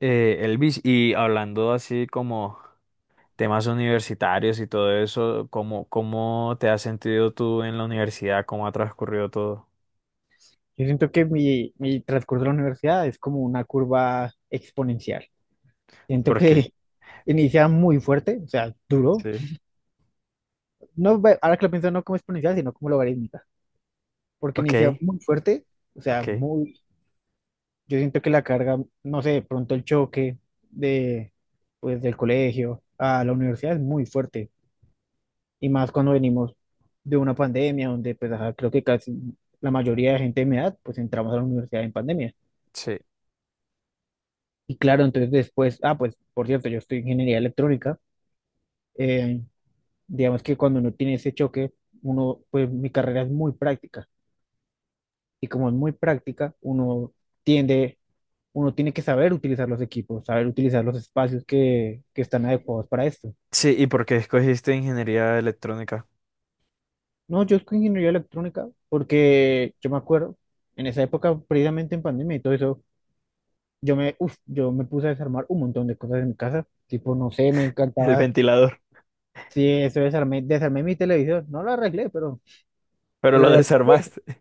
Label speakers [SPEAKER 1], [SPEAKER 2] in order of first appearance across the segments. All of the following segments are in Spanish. [SPEAKER 1] Elvis, y hablando así como temas universitarios y todo eso, ¿cómo te has sentido tú en la universidad? ¿Cómo ha transcurrido todo?
[SPEAKER 2] Yo siento que mi transcurso de la universidad es como una curva exponencial. Siento
[SPEAKER 1] ¿Por qué?
[SPEAKER 2] que inicia muy fuerte, o sea, duro.
[SPEAKER 1] Sí.
[SPEAKER 2] No, ahora que lo pienso, no como exponencial, sino como logarítmica, porque
[SPEAKER 1] Ok,
[SPEAKER 2] inicia muy fuerte, o sea,
[SPEAKER 1] ok,
[SPEAKER 2] muy. Yo siento que la carga, no sé, de pronto el choque de, pues, del colegio a la universidad es muy fuerte, y más cuando venimos de una pandemia, donde pues, ajá, creo que casi la mayoría de gente de mi edad, pues entramos a la universidad en pandemia.
[SPEAKER 1] sí.
[SPEAKER 2] Y claro, entonces después, ah, pues por cierto, yo estoy en ingeniería electrónica. eh, digamos que cuando uno tiene ese choque, pues mi carrera es muy práctica. Y como es muy práctica, tiende, uno tiene que saber utilizar los equipos, saber utilizar los espacios que están adecuados para esto.
[SPEAKER 1] Sí, ¿y por qué escogiste ingeniería electrónica?
[SPEAKER 2] No, yo estoy en ingeniería electrónica porque yo me acuerdo, en esa época, precisamente en pandemia y todo eso, yo me puse a desarmar un montón de cosas en mi casa. Tipo, no sé, me
[SPEAKER 1] El
[SPEAKER 2] encantaba.
[SPEAKER 1] ventilador,
[SPEAKER 2] Sí, eso desarmé mi televisión. No lo arreglé, pero,
[SPEAKER 1] pero
[SPEAKER 2] pero
[SPEAKER 1] lo
[SPEAKER 2] lo arreglé.
[SPEAKER 1] desarmaste.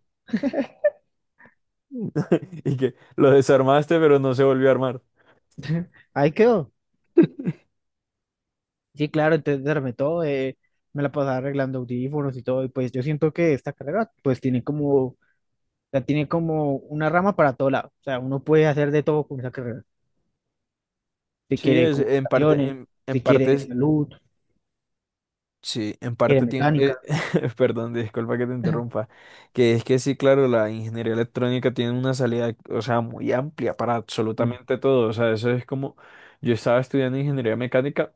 [SPEAKER 1] Y que lo desarmaste, pero no se volvió a armar.
[SPEAKER 2] Ahí quedó. Sí, claro, entonces desarmé todo. Me la pasaba arreglando audífonos y todo. Y pues yo siento que esta carrera pues la tiene como una rama para todo lado. O sea, uno puede hacer de todo con esa carrera. Si
[SPEAKER 1] Sí,
[SPEAKER 2] quiere
[SPEAKER 1] es en parte,
[SPEAKER 2] comunicaciones,
[SPEAKER 1] en
[SPEAKER 2] si quiere
[SPEAKER 1] parte.
[SPEAKER 2] salud,
[SPEAKER 1] Sí, en
[SPEAKER 2] si quiere
[SPEAKER 1] parte tiene,
[SPEAKER 2] mecánica.
[SPEAKER 1] perdón, disculpa que te interrumpa, que es que sí, claro, la ingeniería electrónica tiene una salida, o sea, muy amplia para
[SPEAKER 2] Mm.
[SPEAKER 1] absolutamente todo, o sea, eso es como, yo estaba estudiando ingeniería mecánica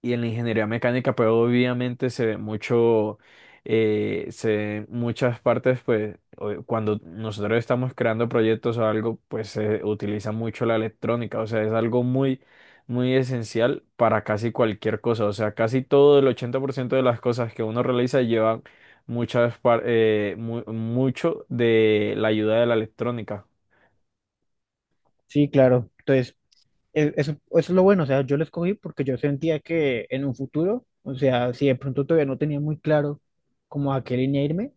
[SPEAKER 1] y en la ingeniería mecánica, pues obviamente se ve mucho, se ven muchas partes, pues cuando nosotros estamos creando proyectos o algo, pues se utiliza mucho la electrónica, o sea, es algo muy, muy esencial para casi cualquier cosa, o sea, casi todo el 80% de las cosas que uno realiza llevan muchas, mucho de la ayuda de la electrónica.
[SPEAKER 2] Sí, claro. Entonces, eso es lo bueno. O sea, yo lo escogí porque yo sentía que en un futuro, o sea, si de pronto todavía no tenía muy claro como a qué línea irme,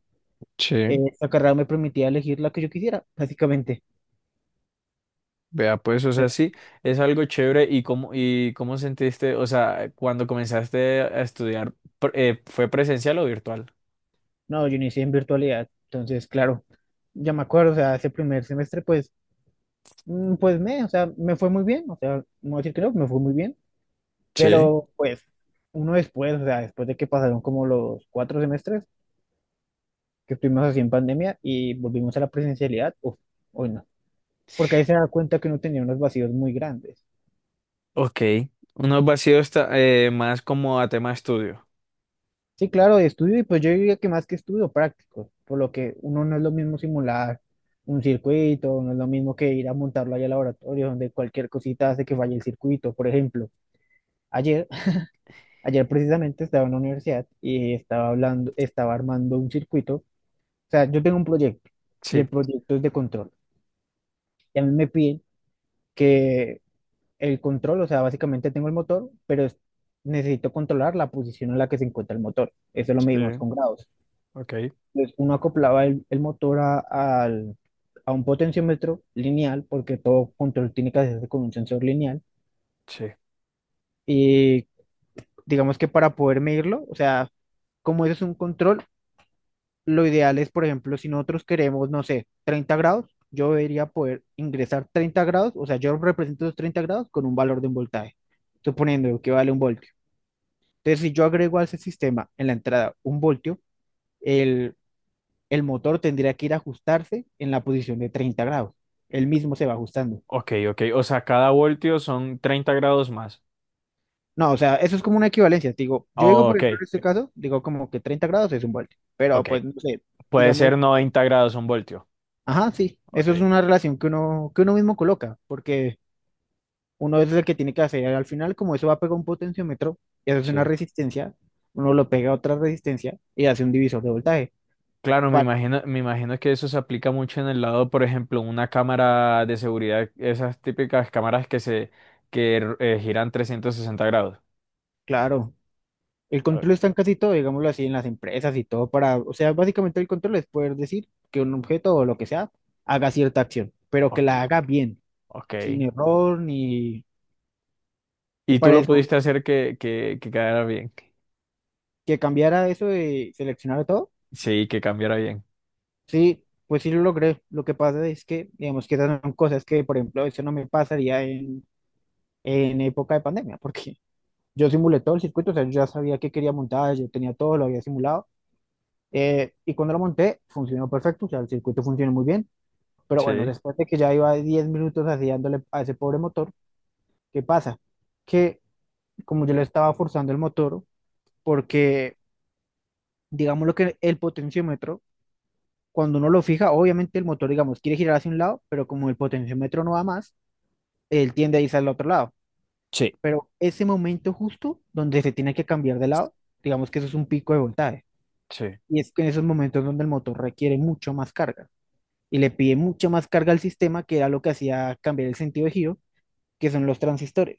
[SPEAKER 1] Sí.
[SPEAKER 2] esta carrera me permitía elegir la que yo quisiera, básicamente.
[SPEAKER 1] Vea, pues, o sea,
[SPEAKER 2] Entonces,
[SPEAKER 1] sí, es algo chévere. ¿Y cómo sentiste, o sea, cuando comenzaste a estudiar, fue presencial o virtual?
[SPEAKER 2] no, yo inicié en virtualidad, entonces, claro, ya me acuerdo, o sea, ese primer semestre, pues, o sea, me fue muy bien, o sea, no voy a decir que no, me fue muy bien,
[SPEAKER 1] Sí.
[SPEAKER 2] pero pues uno después, o sea, después de que pasaron como los 4 semestres que estuvimos así en pandemia y volvimos a la presencialidad, uf, hoy no, porque ahí se da cuenta que uno tenía unos vacíos muy grandes.
[SPEAKER 1] Ok, unos vacíos más como a tema estudio.
[SPEAKER 2] Sí, claro, de estudio, y pues yo diría que más que estudio, práctico, por lo que uno no es lo mismo simular un circuito, no es lo mismo que ir a montarlo allá al laboratorio, donde cualquier cosita hace que falle el circuito. Por ejemplo, ayer, ayer precisamente estaba en la universidad y estaba armando un circuito. O sea, yo tengo un proyecto y
[SPEAKER 1] Sí,
[SPEAKER 2] el proyecto es de control. Y a mí me piden que el control, o sea, básicamente tengo el motor, pero necesito controlar la posición en la que se encuentra el motor. Eso lo medimos
[SPEAKER 1] sí.
[SPEAKER 2] con grados.
[SPEAKER 1] Ok,
[SPEAKER 2] Entonces, uno acoplaba el motor a un potenciómetro lineal, porque todo control tiene que hacerse con un sensor lineal.
[SPEAKER 1] sí.
[SPEAKER 2] Y digamos que para poder medirlo, o sea, como eso es un control, lo ideal es, por ejemplo, si nosotros queremos, no sé, 30 grados, yo debería poder ingresar 30 grados, o sea, yo represento los 30 grados con un valor de un voltaje, suponiendo que vale un voltio. Entonces, si yo agrego a ese sistema en la entrada un voltio, el motor tendría que ir a ajustarse en la posición de 30 grados. Él mismo se va ajustando.
[SPEAKER 1] Ok, ok. O sea, cada voltio son 30 grados más.
[SPEAKER 2] No, o sea, eso es como una equivalencia. Te digo, yo digo, por
[SPEAKER 1] Ok,
[SPEAKER 2] ejemplo, en este caso, digo como que 30 grados es un voltio, pero
[SPEAKER 1] ok.
[SPEAKER 2] pues no sé,
[SPEAKER 1] Puede
[SPEAKER 2] digamos,
[SPEAKER 1] ser 90 grados un voltio.
[SPEAKER 2] ajá, sí, eso es
[SPEAKER 1] Ok,
[SPEAKER 2] una relación que uno mismo coloca, porque uno es el que tiene que hacer al final, como eso va a pegar un potenciómetro y hace una
[SPEAKER 1] sí.
[SPEAKER 2] resistencia, uno lo pega a otra resistencia y hace un divisor de voltaje.
[SPEAKER 1] Claro,
[SPEAKER 2] Pa-
[SPEAKER 1] me imagino que eso se aplica mucho en el lado, por ejemplo, una cámara de seguridad, esas típicas cámaras que se que giran 360 grados.
[SPEAKER 2] Claro, el
[SPEAKER 1] O-
[SPEAKER 2] control está en casi todo, digámoslo así, en las empresas y todo para, o sea, básicamente el control es poder decir que un objeto o lo que sea haga cierta acción, pero que
[SPEAKER 1] Ok,
[SPEAKER 2] la haga bien,
[SPEAKER 1] ok.
[SPEAKER 2] sin error ni. Y
[SPEAKER 1] Y tú
[SPEAKER 2] para
[SPEAKER 1] lo
[SPEAKER 2] eso,
[SPEAKER 1] pudiste hacer que quedara bien.
[SPEAKER 2] que cambiara eso de seleccionar todo,
[SPEAKER 1] Sí, que cambiara bien.
[SPEAKER 2] sí, pues sí lo logré. Lo que pasa es que, digamos que esas son cosas que, por ejemplo, eso no me pasaría en época de pandemia, porque yo simulé todo el circuito, o sea, yo ya sabía que quería montar, yo tenía todo, lo había simulado, y cuando lo monté, funcionó perfecto, o sea, el circuito funcionó muy bien. Pero bueno,
[SPEAKER 1] Sí.
[SPEAKER 2] después de que ya iba 10 minutos así dándole a ese pobre motor, ¿qué pasa? Que como yo le estaba forzando el motor, porque digamos lo que el potenciómetro, cuando uno lo fija, obviamente el motor, digamos, quiere girar hacia un lado, pero como el potenciómetro no va más, él tiende a irse al otro lado.
[SPEAKER 1] Sí.
[SPEAKER 2] Pero ese momento justo donde se tiene que cambiar de lado, digamos que eso es un pico de voltaje.
[SPEAKER 1] Sí.
[SPEAKER 2] Y es que en esos momentos donde el motor requiere mucho más carga y le pide mucha más carga al sistema, que era lo que hacía cambiar el sentido de giro que son los transistores.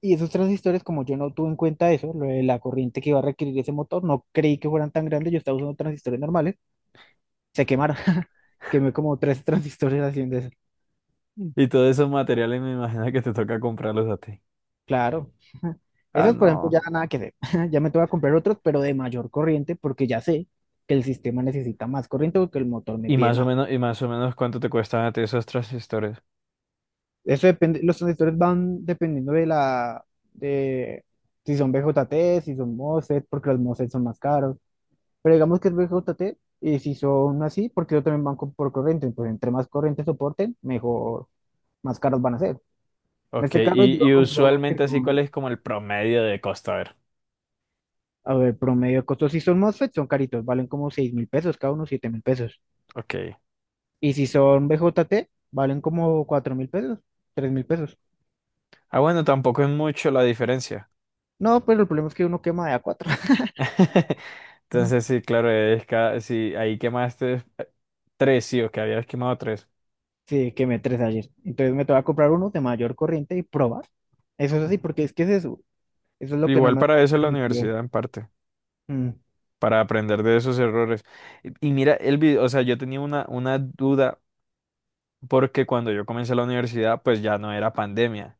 [SPEAKER 2] Y esos transistores, como yo no tuve en cuenta eso, lo de la corriente que iba a requerir ese motor, no creí que fueran tan grandes, yo estaba usando transistores normales, se quemaron. Quemé como tres transistores haciendo eso.
[SPEAKER 1] Mm. Y todos esos materiales me imagino que te toca comprarlos a ti.
[SPEAKER 2] Claro.
[SPEAKER 1] Ah,
[SPEAKER 2] Esos, por ejemplo,
[SPEAKER 1] no.
[SPEAKER 2] ya nada que hacer. Ya me tengo que comprar otros, pero de mayor corriente, porque ya sé que el sistema necesita más corriente porque el motor me
[SPEAKER 1] Y
[SPEAKER 2] pide
[SPEAKER 1] más o
[SPEAKER 2] más.
[SPEAKER 1] menos, y más o menos cuánto te cuestan a ti esos transistores.
[SPEAKER 2] Eso depende, los transistores van dependiendo de la, de si son BJT, si son MOSFET, porque los MOSFET son más caros. Pero digamos que es BJT y si son así, porque yo también banco por corriente, pues entre más corriente soporten, mejor, más caros van a ser. En
[SPEAKER 1] Ok,
[SPEAKER 2] este caso yo
[SPEAKER 1] y
[SPEAKER 2] compré unos que
[SPEAKER 1] usualmente así, ¿cuál
[SPEAKER 2] son,
[SPEAKER 1] es como el promedio de costo? A ver.
[SPEAKER 2] a ver, promedio de costos si son MOSFET son caritos, valen como 6000 pesos, cada uno 7000 pesos.
[SPEAKER 1] Ok.
[SPEAKER 2] Y si son BJT, valen como 4000 pesos, 3000 pesos.
[SPEAKER 1] Ah, bueno, tampoco es mucho la diferencia.
[SPEAKER 2] No, pero el problema es que uno quema de a cuatro.
[SPEAKER 1] Entonces, sí, claro, es cada, sí, ahí quemaste tres, sí, o que habías quemado tres.
[SPEAKER 2] Sí, quemé tres ayer. Entonces me toca comprar uno de mayor corriente y probar. Eso es así, porque es que es eso. Eso es lo que no
[SPEAKER 1] Igual
[SPEAKER 2] me
[SPEAKER 1] para
[SPEAKER 2] hubiera
[SPEAKER 1] eso es la
[SPEAKER 2] permitido.
[SPEAKER 1] universidad en parte,
[SPEAKER 2] Mm,
[SPEAKER 1] para aprender de esos errores. Y mira, el video, o sea, yo tenía una duda porque cuando yo comencé la universidad, pues ya no era pandemia.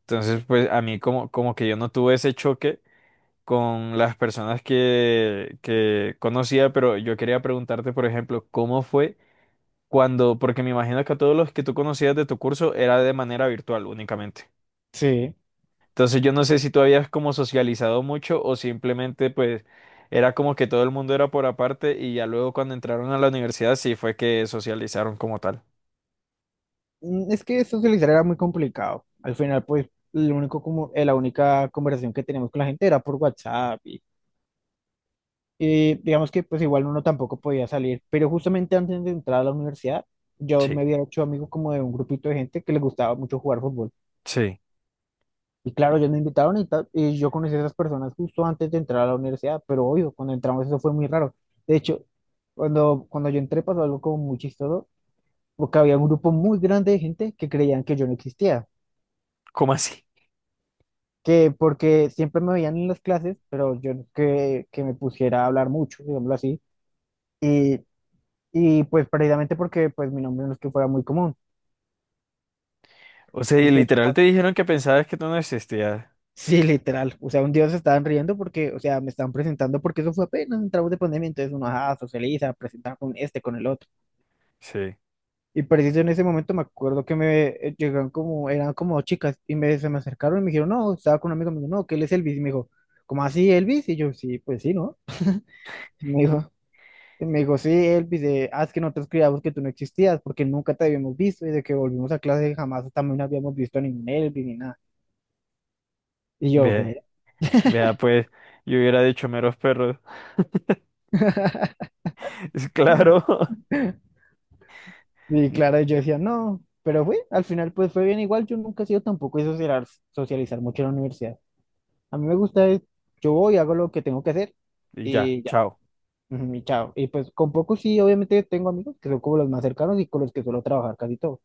[SPEAKER 1] Entonces, pues a mí como, como que yo no tuve ese choque con las personas que conocía, pero yo quería preguntarte, por ejemplo, ¿cómo fue? Cuando, porque me imagino que a todos los que tú conocías de tu curso era de manera virtual únicamente.
[SPEAKER 2] sí.
[SPEAKER 1] Entonces yo no sé si tú habías como socializado mucho o simplemente pues era como que todo el mundo era por aparte y ya luego cuando entraron a la universidad sí fue que socializaron como tal.
[SPEAKER 2] Es que socializar era muy complicado. Al final, pues, la única conversación que teníamos con la gente era por WhatsApp y digamos que pues igual uno tampoco podía salir. Pero justamente antes de entrar a la universidad, yo
[SPEAKER 1] Sí,
[SPEAKER 2] me había hecho amigo como de un grupito de gente que les gustaba mucho jugar fútbol.
[SPEAKER 1] sí.
[SPEAKER 2] Y claro, ellos me invitaron y, tal, y yo conocí a esas personas justo antes de entrar a la universidad, pero obvio, cuando entramos eso fue muy raro. De hecho, cuando yo entré pasó algo como muy chistoso, porque había un grupo muy grande de gente que creían que yo no existía.
[SPEAKER 1] ¿Cómo así?
[SPEAKER 2] Que porque siempre me veían en las clases, pero yo no es que me pusiera a hablar mucho, digámoslo así, y, y pues precisamente porque pues mi nombre no es que fuera muy común.
[SPEAKER 1] O sea, y
[SPEAKER 2] Entonces,
[SPEAKER 1] literal te dijeron que pensabas que tú no existías.
[SPEAKER 2] sí, literal, o sea, un día se estaban riendo porque, o sea, me estaban presentando porque eso fue apenas entramos de pandemia, entonces uno, ajá, socializa, presenta con este, con el otro.
[SPEAKER 1] Sí.
[SPEAKER 2] Y preciso en ese momento me acuerdo que me llegaron como, eran como dos chicas se me acercaron y me dijeron, no, estaba con un amigo, me dijo, no, que él es Elvis, y me dijo, ¿cómo así Elvis? Y yo, sí, pues sí, ¿no? Me dijo, Y me dijo, sí, Elvis, ah, es que nosotros creíamos que tú no existías porque nunca te habíamos visto y de que volvimos a clase jamás también habíamos visto a ningún Elvis ni nada. Y yo,
[SPEAKER 1] Ve,
[SPEAKER 2] ve,
[SPEAKER 1] vea pues, yo hubiera dicho meros perros. Es claro.
[SPEAKER 2] y claro, yo decía, no, pero fue, al final pues fue bien igual, yo nunca he sido tampoco de socializar, socializar mucho en la universidad. A mí me gusta es, yo voy, hago lo que tengo que hacer
[SPEAKER 1] Y ya,
[SPEAKER 2] y ya,
[SPEAKER 1] chao.
[SPEAKER 2] ujú, y chao. Y pues con pocos sí, obviamente tengo amigos que son como los más cercanos y con los que suelo trabajar casi todo.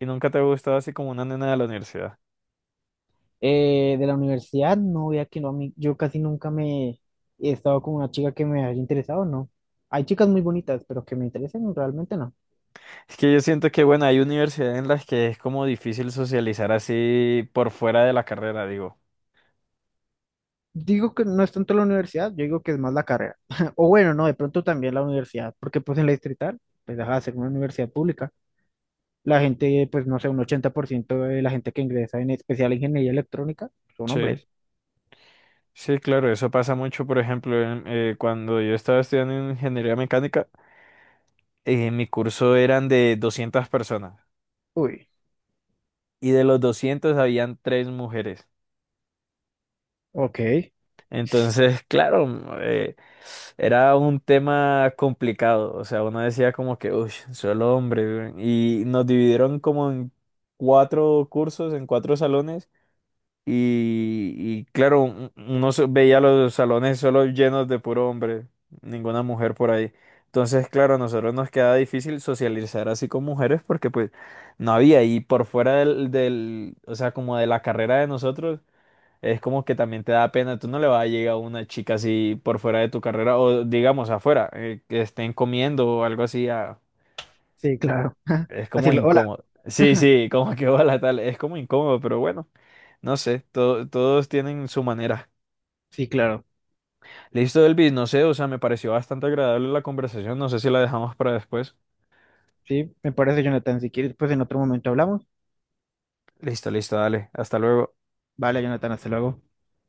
[SPEAKER 1] Y nunca te ha gustado así como una nena de la universidad.
[SPEAKER 2] De la universidad, no, vea que no, a mí, yo casi nunca me he estado con una chica que me haya interesado, no. Hay chicas muy bonitas, pero que me interesen realmente no.
[SPEAKER 1] Es que yo siento que, bueno, hay universidades en las que es como difícil socializar así por fuera de la carrera, digo.
[SPEAKER 2] Digo que no es tanto la universidad, yo digo que es más la carrera. O bueno, no, de pronto también la universidad, porque pues en la Distrital, pues deja de ser una universidad pública. La gente, pues no sé, un 80% de la gente que ingresa en especial ingeniería electrónica son
[SPEAKER 1] Sí.
[SPEAKER 2] hombres.
[SPEAKER 1] Sí, claro, eso pasa mucho, por ejemplo, cuando yo estaba estudiando ingeniería mecánica, mi curso eran de 200 personas
[SPEAKER 2] Uy,
[SPEAKER 1] y de los 200 habían tres mujeres.
[SPEAKER 2] ok,
[SPEAKER 1] Entonces, claro, era un tema complicado. O sea, uno decía como que, uff, solo hombre. Y nos dividieron como en cuatro cursos, en cuatro salones. Y claro, veía los salones solo llenos de puro hombre, ninguna mujer por ahí. Entonces, claro, a nosotros nos quedaba difícil socializar así con mujeres porque pues no había. Y por fuera del, o sea, como de la carrera de nosotros es como que también te da pena, tú no le vas a llegar a una chica así por fuera de tu carrera o digamos afuera, que estén comiendo o algo así, ah,
[SPEAKER 2] sí, claro.
[SPEAKER 1] es como
[SPEAKER 2] Así lo, hola,
[SPEAKER 1] incómodo. Sí, sí, como que hola tal, es como incómodo, pero bueno, no sé, todos tienen su manera.
[SPEAKER 2] sí, claro.
[SPEAKER 1] Listo, Elvis, no sé, o sea, me pareció bastante agradable la conversación, no sé si la dejamos para después.
[SPEAKER 2] Sí, me parece, Jonathan, si quieres, pues en otro momento hablamos.
[SPEAKER 1] Listo, listo, dale, hasta luego.
[SPEAKER 2] Vale, Jonathan, hasta luego.